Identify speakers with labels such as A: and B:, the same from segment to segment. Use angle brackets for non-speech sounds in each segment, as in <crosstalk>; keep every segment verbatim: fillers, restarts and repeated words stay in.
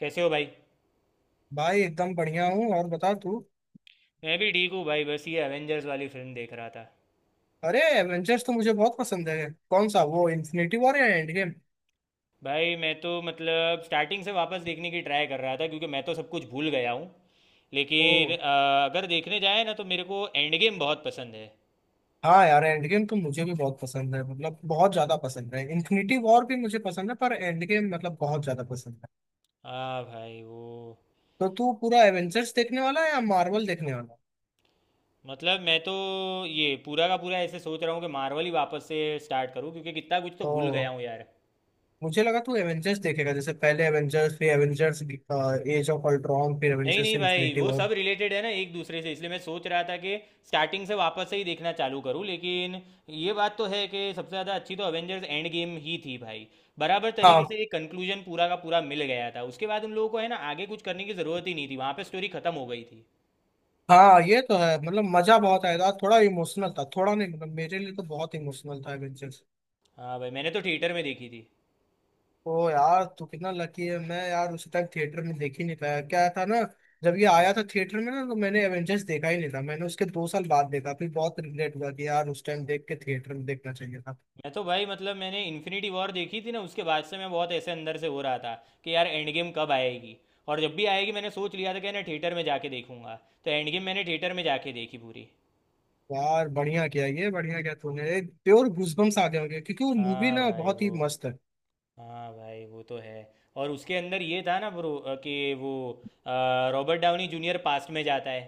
A: कैसे हो भाई?
B: भाई एकदम बढ़िया हूँ और बता तू।
A: मैं भी ठीक हूँ भाई। बस ये एवेंजर्स वाली फिल्म देख रहा था।
B: अरे एवेंजर्स तो मुझे बहुत पसंद है, कौन सा वो, इन्फिनिटी वॉर या एंड गेम?
A: भाई मैं तो मतलब स्टार्टिंग से वापस देखने की ट्राई कर रहा था क्योंकि मैं तो सब कुछ भूल गया हूँ।
B: ओ।
A: लेकिन अ, अगर देखने जाए ना तो मेरे को एंड गेम बहुत पसंद है।
B: हाँ यार एंड गेम तो मुझे भी बहुत पसंद है, मतलब बहुत ज्यादा पसंद है। इन्फिनिटी वॉर भी मुझे पसंद है पर एंड गेम मतलब बहुत ज्यादा पसंद है।
A: हाँ भाई वो
B: तो तू पूरा एवेंजर्स देखने वाला है या मार्वल देखने वाला?
A: मतलब मैं तो ये पूरा का पूरा ऐसे सोच रहा हूँ कि मार्वल ही वापस से स्टार्ट करूँ क्योंकि कितना कुछ तो
B: ओ।
A: भूल गया हूँ यार।
B: मुझे लगा तू एवेंजर्स देखेगा, जैसे पहले एवेंजर्स फिर एवेंजर्स एज ऑफ अल्ट्रॉन फिर
A: नहीं
B: एवेंजर्स
A: नहीं भाई,
B: इन्फिनिटी
A: वो
B: वॉर।
A: सब रिलेटेड है ना एक दूसरे से, इसलिए मैं सोच रहा था कि स्टार्टिंग से वापस से ही देखना चालू करूं। लेकिन ये बात तो है कि सबसे ज़्यादा अच्छी तो अवेंजर्स एंड गेम ही थी भाई। बराबर तरीके से
B: हाँ।
A: एक कंक्लूजन पूरा का पूरा मिल गया था। उसके बाद उन लोगों को है ना आगे कुछ करने की ज़रूरत ही नहीं थी, वहाँ पे स्टोरी ख़त्म हो गई थी।
B: हाँ ये तो है, मतलब मजा बहुत आया था, थोड़ा इमोशनल था, थोड़ा नहीं, मतलब मेरे लिए तो बहुत इमोशनल था एवेंजर्स।
A: हाँ भाई मैंने तो थिएटर में देखी थी।
B: ओ यार तू कितना लकी है। मैं यार उस टाइम थिएटर में देख ही नहीं पाया, क्या था ना, जब ये आया था थिएटर में ना, तो मैंने एवेंजर्स देखा ही नहीं था। मैंने उसके दो साल बाद देखा, फिर बहुत रिग्रेट हुआ कि यार उस टाइम देख के थिएटर में देखना चाहिए था।
A: मैं तो भाई मतलब मैंने इन्फिनिटी वॉर देखी थी ना, उसके बाद से मैं बहुत ऐसे अंदर से हो रहा था कि यार एंड गेम कब आएगी। और जब भी आएगी मैंने सोच लिया था कि ना थिएटर में जाके देखूंगा। तो एंड गेम मैंने थिएटर में जाके देखी पूरी।
B: यार बढ़िया किया, ये बढ़िया किया तूने, प्योर गूजबम्स आ गए होंगे, क्योंकि वो मूवी
A: हाँ
B: ना
A: भाई
B: बहुत
A: वो,
B: ही मस्त है।
A: हाँ भाई वो तो है। और उसके अंदर ये था ना ब्रो, कि वो अ, रॉबर्ट डाउनी जूनियर पास्ट में जाता है।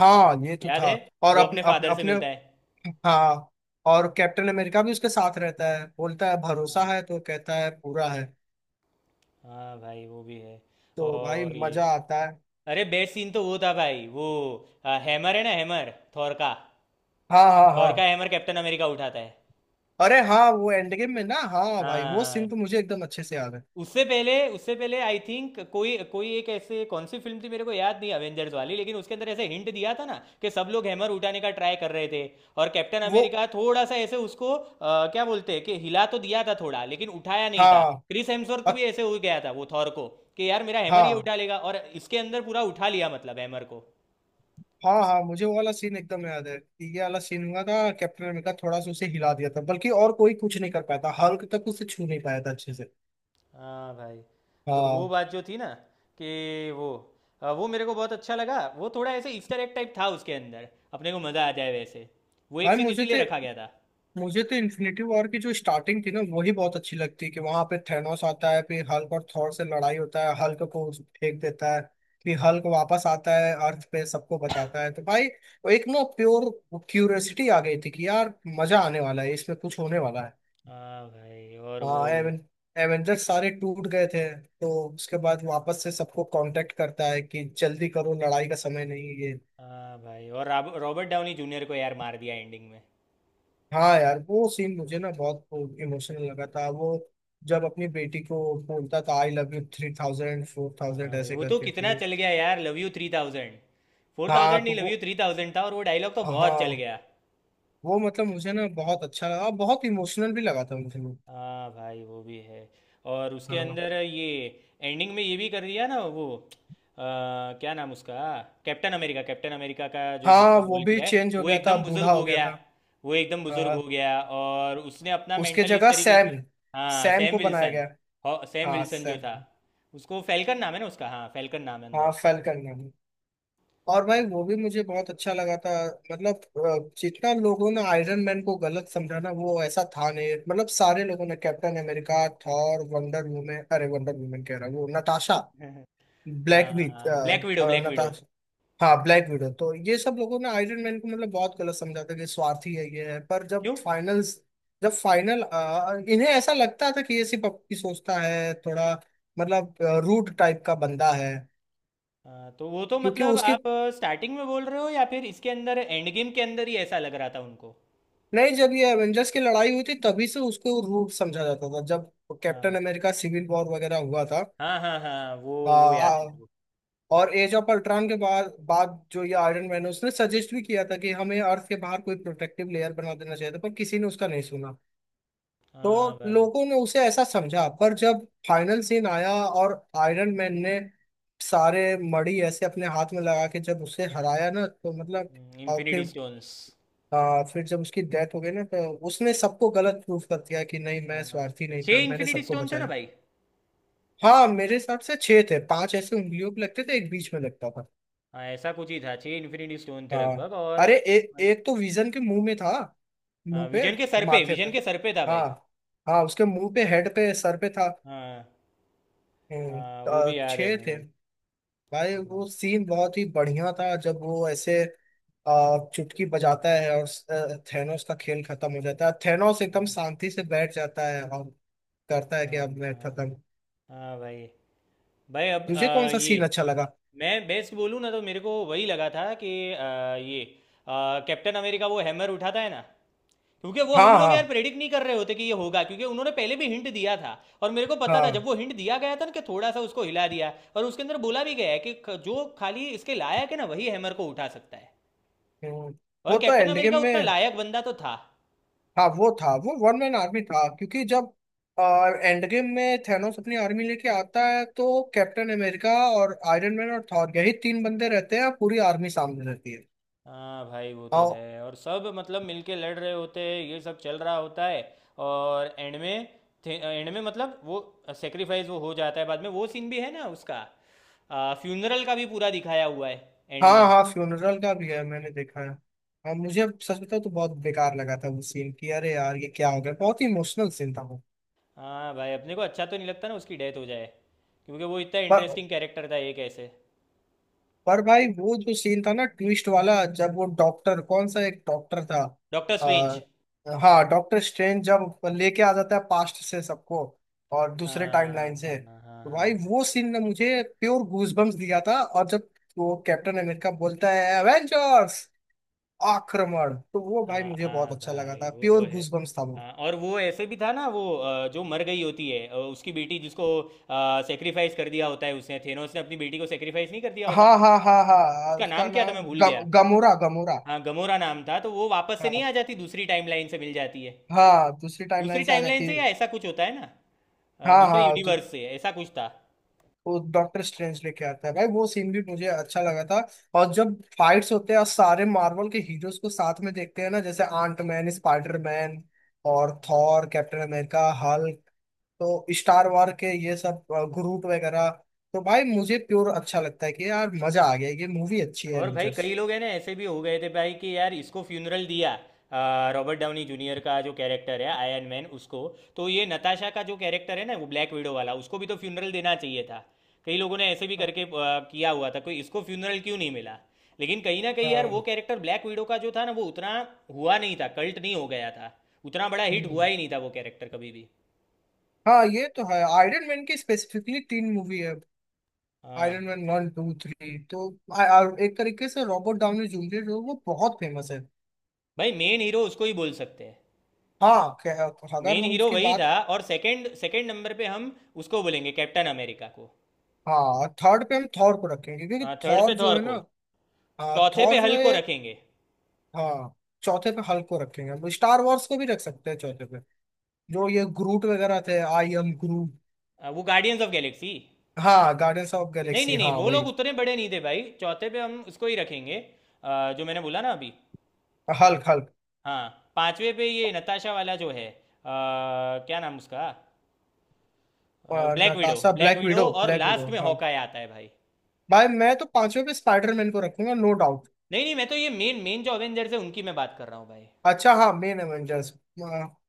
B: हाँ ये तो
A: याद
B: था।
A: है?
B: और
A: वो
B: अपने
A: अपने
B: अपने
A: फादर से
B: अपने
A: मिलता है।
B: हाँ। और कैप्टन अमेरिका भी उसके साथ रहता है, बोलता है भरोसा
A: हाँ।
B: है, तो कहता है पूरा है।
A: हाँ भाई वो भी है।
B: तो भाई
A: और ये,
B: मजा आता है।
A: अरे बेस्ट सीन तो वो था भाई, वो हैमर है ना, हैमर थॉर का।
B: हाँ हाँ
A: थॉर
B: हाँ।
A: का हैमर कैप्टन अमेरिका उठाता है।
B: अरे हाँ वो एंड गेम में ना, हाँ भाई वो
A: हाँ हाँ।
B: सीन तो मुझे एकदम अच्छे से याद है।
A: उससे पहले उससे पहले आई थिंक कोई कोई एक ऐसे कौन सी फिल्म थी मेरे को याद नहीं, अवेंजर्स वाली, लेकिन उसके अंदर ऐसे हिंट दिया था ना कि सब लोग हैमर उठाने का ट्राई कर रहे थे। और कैप्टन
B: वो।
A: अमेरिका थोड़ा सा ऐसे उसको अ, क्या बोलते हैं, कि हिला तो दिया था थोड़ा लेकिन उठाया नहीं था।
B: हाँ।
A: क्रिस हेम्सवर्थ को
B: अ-
A: भी ऐसे हो गया था, वो थॉर को, कि यार मेरा हैमर ये
B: हाँ
A: उठा लेगा। और इसके अंदर पूरा उठा लिया मतलब हैमर को।
B: हाँ हाँ मुझे वो वाला सीन एकदम याद है। ये वाला सीन हुआ था, कैप्टन अमेरिका थोड़ा सा उसे हिला दिया था बल्कि, और कोई कुछ नहीं कर पाया था, हल्क तक उसे छू नहीं पाया था अच्छे से।
A: हाँ भाई। तो वो
B: हाँ
A: बात जो थी ना, कि वो अ, वो मेरे को बहुत अच्छा लगा, वो थोड़ा ऐसे ईस्टर एग टाइप था उसके अंदर। अपने को मज़ा आ जाए वैसे। वो एक
B: भाई।
A: सीन
B: मुझे
A: इसीलिए
B: तो
A: रखा गया था।
B: मुझे तो इन्फिनिटी वॉर की जो स्टार्टिंग थी ना, वही बहुत अच्छी लगती है, कि वहां पे थेनोस आता है, फिर हल्क और थॉर से लड़ाई होता है, हल्क को फेंक देता है। फिर
A: हम्म।
B: हल्क वापस आता है अर्थ पे, सबको बताता है, तो भाई वो एक ना प्योर क्यूरियोसिटी आ गई थी कि यार मजा आने वाला है, इसमें कुछ होने वाला है।
A: हाँ भाई और वो,
B: हाँ एवें, एवेंजर्स सारे टूट गए थे, तो उसके बाद वापस से सबको कांटेक्ट करता है कि जल्दी करो, लड़ाई का समय नहीं है ये।
A: हाँ भाई और रॉब- रॉबर्ट डाउनी जूनियर को यार मार दिया एंडिंग में।
B: हाँ यार वो सीन मुझे ना बहुत इमोशनल लगा था वो, जब अपनी बेटी को बोलता था I love you three thousand four thousand
A: हाँ भाई
B: ऐसे
A: वो तो
B: करके
A: कितना
B: फिर।
A: चल गया यार love you three thousand. Four
B: हाँ
A: थाउजेंड नहीं,
B: तो
A: लव
B: वो।
A: यू थ्री थाउजेंड था, और वो डायलॉग तो बहुत चल
B: हाँ
A: गया।
B: वो मतलब मुझे ना बहुत अच्छा लगा, बहुत इमोशनल भी लगा था मुझे वो।
A: हाँ भाई वो भी है। और उसके
B: हाँ।
A: अंदर ये, एंडिंग में ये भी कर दिया ना वो अ, क्या नाम उसका, कैप्टन अमेरिका कैप्टन अमेरिका का जो
B: हाँ
A: जिसने
B: वो
A: रोल
B: भी
A: किया है
B: चेंज हो
A: वो
B: गया था,
A: एकदम बुजुर्ग
B: बूढ़ा हो
A: हो
B: गया
A: गया।
B: था।
A: वो एकदम बुजुर्ग हो
B: हाँ
A: गया और उसने अपना
B: उसके
A: मेंटल इस
B: जगह
A: तरीके से।
B: सैम।
A: हाँ
B: सैम
A: सैम
B: को बनाया
A: विल्सन,
B: गया।
A: हो- सैम
B: हाँ
A: विल्सन जो
B: सैम
A: था
B: को।
A: उसको फैल्कन नाम है ना उसका, हाँ फैल्कन नाम है
B: हाँ
A: अंदर।
B: फैल्कन ने। और भाई वो भी मुझे बहुत अच्छा लगा था। मतलब अ, जितना लोगों ने आयरन मैन को गलत समझा ना, वो ऐसा था नहीं। मतलब सारे लोगों ने Captain America, Thor, Wonder Woman, अरे वंडर वुमेन कह रहा हूँ, वो नताशा,
A: <laughs>
B: ब्लैक विड,
A: हाँ, Black Widow Black Widow.
B: Natasha, हाँ ब्लैक विडो, तो ये सब लोगों ने आयरन मैन को मतलब बहुत गलत समझा था कि स्वार्थी है ये है। पर जब
A: क्यों?
B: फाइनल्स, जब फाइनल, इन्हें ऐसा लगता था कि ये सिर्फ अपनी सोचता है, थोड़ा मतलब रूड टाइप का बंदा है,
A: हाँ, तो वो तो
B: क्योंकि
A: मतलब
B: उसके,
A: आप स्टार्टिंग में बोल रहे हो या फिर इसके अंदर एंड गेम के अंदर ही ऐसा लग रहा था उनको?
B: नहीं जब ये एवेंजर्स की लड़ाई हुई थी तभी से उसको रूट समझा जाता था, जब कैप्टन
A: हाँ
B: अमेरिका सिविल वॉर वगैरह हुआ था।
A: हाँ हाँ। हाँ वो
B: आ,
A: वो याद है
B: आ,
A: मेरे को।
B: और एज ऑफ अल्ट्रॉन के बाद बाद जो ये आयरन मैन है, उसने सजेस्ट भी किया था कि हमें अर्थ के बाहर कोई प्रोटेक्टिव लेयर बना देना चाहिए था, पर किसी ने उसका नहीं सुना।
A: हाँ
B: तो
A: भाई।
B: लोगों ने उसे ऐसा समझा, पर जब फाइनल सीन आया और आयरन मैन ने सारे मड़ी ऐसे अपने हाथ में लगा के जब उसे हराया ना, तो मतलब, और
A: इन्फिनिटी
B: फिर,
A: स्टोन्स।
B: हाँ फिर जब उसकी डेथ हो गई ना, तो उसने सबको गलत प्रूफ कर दिया कि नहीं मैं
A: हाँ,
B: स्वार्थी नहीं था,
A: छः
B: मैंने
A: इन्फिनिटी
B: सबको
A: स्टोन थे ना
B: बचाया।
A: भाई।
B: हाँ मेरे हिसाब से छह थे, पांच ऐसे उंगलियों पे लगते थे, एक बीच में लगता था।
A: हाँ ऐसा कुछ ही था, छः इन्फिनिटी स्टोन थे
B: हाँ।
A: लगभग। और
B: अरे ए, एक तो विजन के मुंह में था,
A: हाँ,
B: मुंह पे,
A: विजन के सर पे
B: माथे पे।
A: विजन के सर पे था
B: हाँ।
A: भाई।
B: हाँ उसके मुंह पे, हेड पे, सर पे था।
A: हाँ।
B: हम्म,
A: हाँ वो भी
B: तो
A: याद है
B: छह थे।
A: भाई।
B: भाई
A: हाँ
B: वो सीन बहुत ही बढ़िया था, जब वो ऐसे आ, चुटकी बजाता है और थेनोस का खेल खत्म हो जाता है, थेनोस एकदम शांति से बैठ जाता है, और करता है कि
A: हाँ
B: अब मैं खत्म।
A: हाँ। हाँ भाई। भाई अब
B: तुझे कौन
A: आ,
B: सा सीन
A: ये,
B: अच्छा लगा?
A: मैं बेस्ट बोलूँ ना तो मेरे को वही लगा था कि आ, ये आ, कैप्टन अमेरिका वो हैमर उठाता है ना। क्योंकि वो हम
B: हाँ
A: लोग
B: हाँ
A: यार प्रेडिक्ट नहीं कर रहे होते कि ये होगा, क्योंकि उन्होंने पहले भी हिंट दिया था। और मेरे को पता था, जब
B: हाँ।
A: वो हिंट दिया गया था ना, कि थोड़ा सा उसको हिला दिया और उसके अंदर बोला भी गया है कि ख- जो खाली इसके लायक है ना वही हैमर को उठा सकता है।
B: हम्म।
A: और
B: वो तो
A: कैप्टन
B: एंड गेम
A: अमेरिका उतना
B: में।
A: लायक बंदा तो था।
B: हाँ वो था, वो वन मैन आर्मी था, क्योंकि जब एंड गेम में थैनोस अपनी आर्मी लेके आता है, तो कैप्टन अमेरिका और आयरन मैन और थॉर, यही तीन बंदे रहते हैं, पूरी आर्मी सामने रहती है।
A: हाँ भाई वो तो
B: हाँ
A: है, और सब मतलब मिलके लड़ रहे होते हैं, ये सब चल रहा होता है। और एंड में एंड में मतलब वो सेक्रीफाइस वो हो जाता है बाद में, वो सीन भी है ना उसका, फ्यूनरल का भी पूरा दिखाया हुआ है एंड
B: हाँ।
A: में।
B: हाँ फ्यूनरल का भी है, मैंने देखा है। हाँ मुझे सच बताऊं तो बहुत बेकार लगा था वो सीन, कि अरे यार ये क्या हो गया, बहुत ही इमोशनल सीन था वो।
A: हाँ भाई, अपने को अच्छा तो नहीं लगता ना उसकी डेथ हो जाए। क्योंकि वो इतना
B: पर
A: इंटरेस्टिंग कैरेक्टर था एक ऐसे।
B: पर भाई वो जो सीन था ना ट्विस्ट वाला, जब वो डॉक्टर, कौन सा एक डॉक्टर था,
A: डॉक्टर
B: आ,
A: स्ट्रेंज।
B: हाँ डॉक्टर स्ट्रेंज जब लेके आ जाता है पास्ट से सबको, और दूसरे
A: हाँ
B: टाइमलाइन
A: हाँ
B: से,
A: हाँ।
B: तो
A: हाँ।
B: भाई वो सीन ने मुझे प्योर गूजबम्स दिया था। और जब वो कैप्टन अमेरिका बोलता है एवेंजर्स आक्रमण, तो वो
A: हाँ
B: भाई
A: हाँ,
B: मुझे बहुत
A: हाँ,
B: अच्छा लगा
A: भाई
B: था,
A: वो तो
B: प्योर
A: है।
B: गूजबम्स था वो।
A: हाँ, और वो ऐसे भी था ना वो अ, जो मर गई होती है अ, उसकी बेटी जिसको सेक्रीफाइस कर दिया होता है, उसने, थेनोस ने अपनी बेटी को सेक्रीफाइस नहीं कर दिया होता?
B: हाँ हाँ हाँ हाँ
A: उसका
B: उसका
A: नाम क्या था
B: नाम
A: मैं भूल
B: ग,
A: गया।
B: Gamora, Gamora.
A: हाँ गमोरा नाम था। तो वो वापस से नहीं
B: हाँ।
A: आ जाती दूसरी टाइमलाइन से मिल जाती है।
B: हाँ दूसरी
A: दूसरी
B: टाइमलाइन से आ
A: टाइमलाइन
B: जाती है।
A: से या ऐसा कुछ होता है ना, अ,
B: हाँ
A: दूसरे
B: हाँ।
A: यूनिवर्स से ऐसा कुछ था।
B: वो डॉक्टर स्ट्रेंज लेके आता है, भाई वो सीन भी मुझे अच्छा लगा था। और जब फाइट्स होते हैं और सारे मार्वल के हीरोज को साथ में देखते हैं ना, जैसे आंट मैन, स्पाइडर मैन और थॉर, कैप्टन अमेरिका, हल्क, तो स्टार वॉर के ये सब ग्रुप वगैरह, तो भाई मुझे प्योर अच्छा लगता है कि यार मजा आ गया, ये मूवी अच्छी है
A: और भाई
B: एवेंजर्स।
A: कई लोग हैं ना ऐसे भी हो गए थे भाई कि यार इसको फ्यूनरल दिया, आ, रॉबर्ट डाउनी जूनियर का जो कैरेक्टर है आयरन मैन उसको, तो ये नताशा का जो कैरेक्टर है ना वो ब्लैक विडो वाला उसको भी तो फ्यूनरल देना चाहिए था। कई लोगों ने ऐसे भी करके आ, किया हुआ था कोई इसको फ्यूनरल क्यों नहीं मिला। लेकिन कहीं ना कहीं यार वो
B: हाँ।
A: कैरेक्टर ब्लैक विडो का जो था ना वो उतना हुआ नहीं था, कल्ट नहीं हो गया था। उतना बड़ा हिट हुआ
B: हम्म।
A: ही नहीं था वो कैरेक्टर कभी भी।
B: हाँ, ये तो है, आयरन मैन की स्पेसिफिकली तीन मूवी है,
A: हाँ
B: Iron Man one two three, तो आ, आ, एक तरीके से रॉबर्ट डाउनी जूनियर जो है, वो बहुत फेमस है।
A: भाई, मेन हीरो उसको ही बोल सकते हैं।
B: हाँ खे- अगर
A: मेन
B: हम
A: हीरो
B: उसकी
A: वही
B: बात।
A: था, और सेकंड सेकंड नंबर पे हम उसको बोलेंगे कैप्टन अमेरिका को।
B: हाँ थर्ड पे हम थॉर को रखेंगे, क्योंकि
A: हाँ थर्ड पे
B: थॉर जो
A: थॉर
B: है ना,
A: को,
B: हाँ
A: चौथे पे
B: थॉर जो
A: हल्क को
B: है।
A: रखेंगे।
B: हाँ चौथे पे हल्क को रखेंगे, हम स्टार वॉर्स को भी रख सकते हैं चौथे पे, जो ये ग्रूट वगैरह थे, आई एम ग्रूट।
A: आ, वो गार्डियंस ऑफ गैलेक्सी।
B: हाँ गार्डियंस ऑफ
A: नहीं
B: गैलेक्सी,
A: नहीं नहीं
B: हाँ
A: वो
B: वही।
A: लोग उतने बड़े नहीं थे भाई, चौथे पे हम उसको ही रखेंगे, आ, जो मैंने बोला ना अभी।
B: Hulk, Hulk.
A: हाँ पांचवे पे ये नताशा वाला जो है, आ, क्या नाम उसका, Black Widow,
B: Natasha,
A: Black
B: Black
A: Widow,
B: Widow,
A: और
B: ब्लैक
A: लास्ट
B: विडो,
A: में
B: हाँ।
A: हॉकाय आता है भाई।
B: भाई मैं तो पांचवे पे स्पाइडरमैन को रखूंगा, नो डाउट।
A: नहीं नहीं, मैं तो ये मेन मेन जो अवेंजर्स है उनकी मैं बात कर रहा हूँ भाई।
B: अच्छा हाँ मेन एवेंजर्स।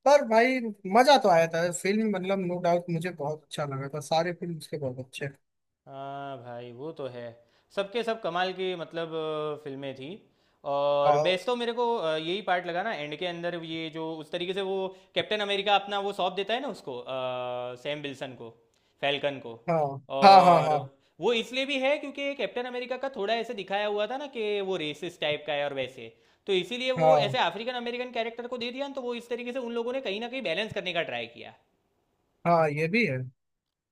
B: पर भाई मजा तो आया था फिल्म, मतलब नो डाउट मुझे बहुत अच्छा लगा था, सारे फिल्म उसके बहुत अच्छे
A: हाँ भाई वो तो है, सबके सब कमाल की मतलब अ, फिल्में थी। और
B: हैं।
A: बेस्ट तो मेरे को अ, यही पार्ट लगा ना एंड के अंदर, ये जो उस तरीके से वो कैप्टन अमेरिका अपना वो सौंप देता है ना उसको, सैम विल्सन को, फैल्कन को।
B: हाँ हाँ हाँ
A: और
B: हाँ
A: वो इसलिए भी है क्योंकि कैप्टन अमेरिका का थोड़ा ऐसे दिखाया हुआ था ना कि वो रेसिस्ट टाइप का है और वैसे। तो इसीलिए वो ऐसे
B: हाँ
A: अफ्रीकन अमेरिकन कैरेक्टर को दे दिया ना, तो वो इस तरीके से उन लोगों ने कहीं ना कहीं बैलेंस करने का ट्राई किया।
B: हाँ। ये भी है।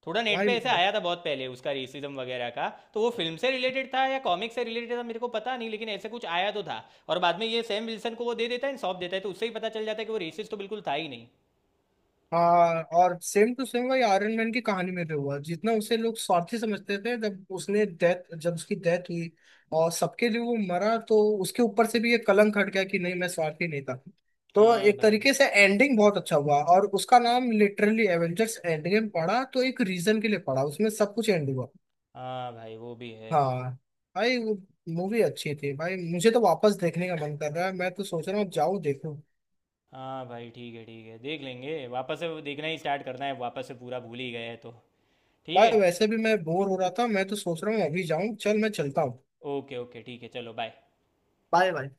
A: थोड़ा नेट
B: भाई
A: पे ऐसे
B: ब-
A: आया था बहुत पहले उसका रेसिज्म वगैरह का। तो वो फिल्म से रिलेटेड था या कॉमिक से रिलेटेड था मेरे को पता नहीं, लेकिन ऐसे कुछ आया तो था। और बाद में ये सैम विल्सन को वो दे देता है सौंप देता है, तो उससे ही पता चल जाता है कि वो रेसिस्ट तो बिल्कुल था ही नहीं।
B: हाँ, और सेम टू सेम भाई आयरन मैन की कहानी में भी हुआ, जितना उसे लोग स्वार्थी समझते थे, जब उसने डेथ, जब उसकी डेथ हुई और सबके लिए वो मरा, तो उसके ऊपर से भी ये कलंक हट गया कि नहीं मैं स्वार्थी नहीं था। तो
A: हाँ
B: एक
A: भाई।
B: तरीके से एंडिंग बहुत अच्छा हुआ और उसका नाम लिटरली एवेंजर्स एंड गेम पड़ा, तो एक रीजन के लिए पड़ा, उसमें सब कुछ एंड हुआ।
A: हाँ भाई वो भी है।
B: हाँ भाई वो मूवी अच्छी थी, भाई मुझे तो वापस देखने का मन कर रहा है, मैं तो सोच रहा हूँ जाऊँ देखूँ।
A: हाँ भाई ठीक है ठीक है, देख लेंगे वापस से, वो देखना ही स्टार्ट करना है वापस से पूरा भूल ही गए हैं तो। ठीक है।
B: भाई वैसे भी मैं बोर हो रहा था, मैं तो सोच रहा हूँ अभी जाऊं, चल मैं चलता हूँ।
A: ओके ओके ठीक है, चलो बाय।
B: Bye bye.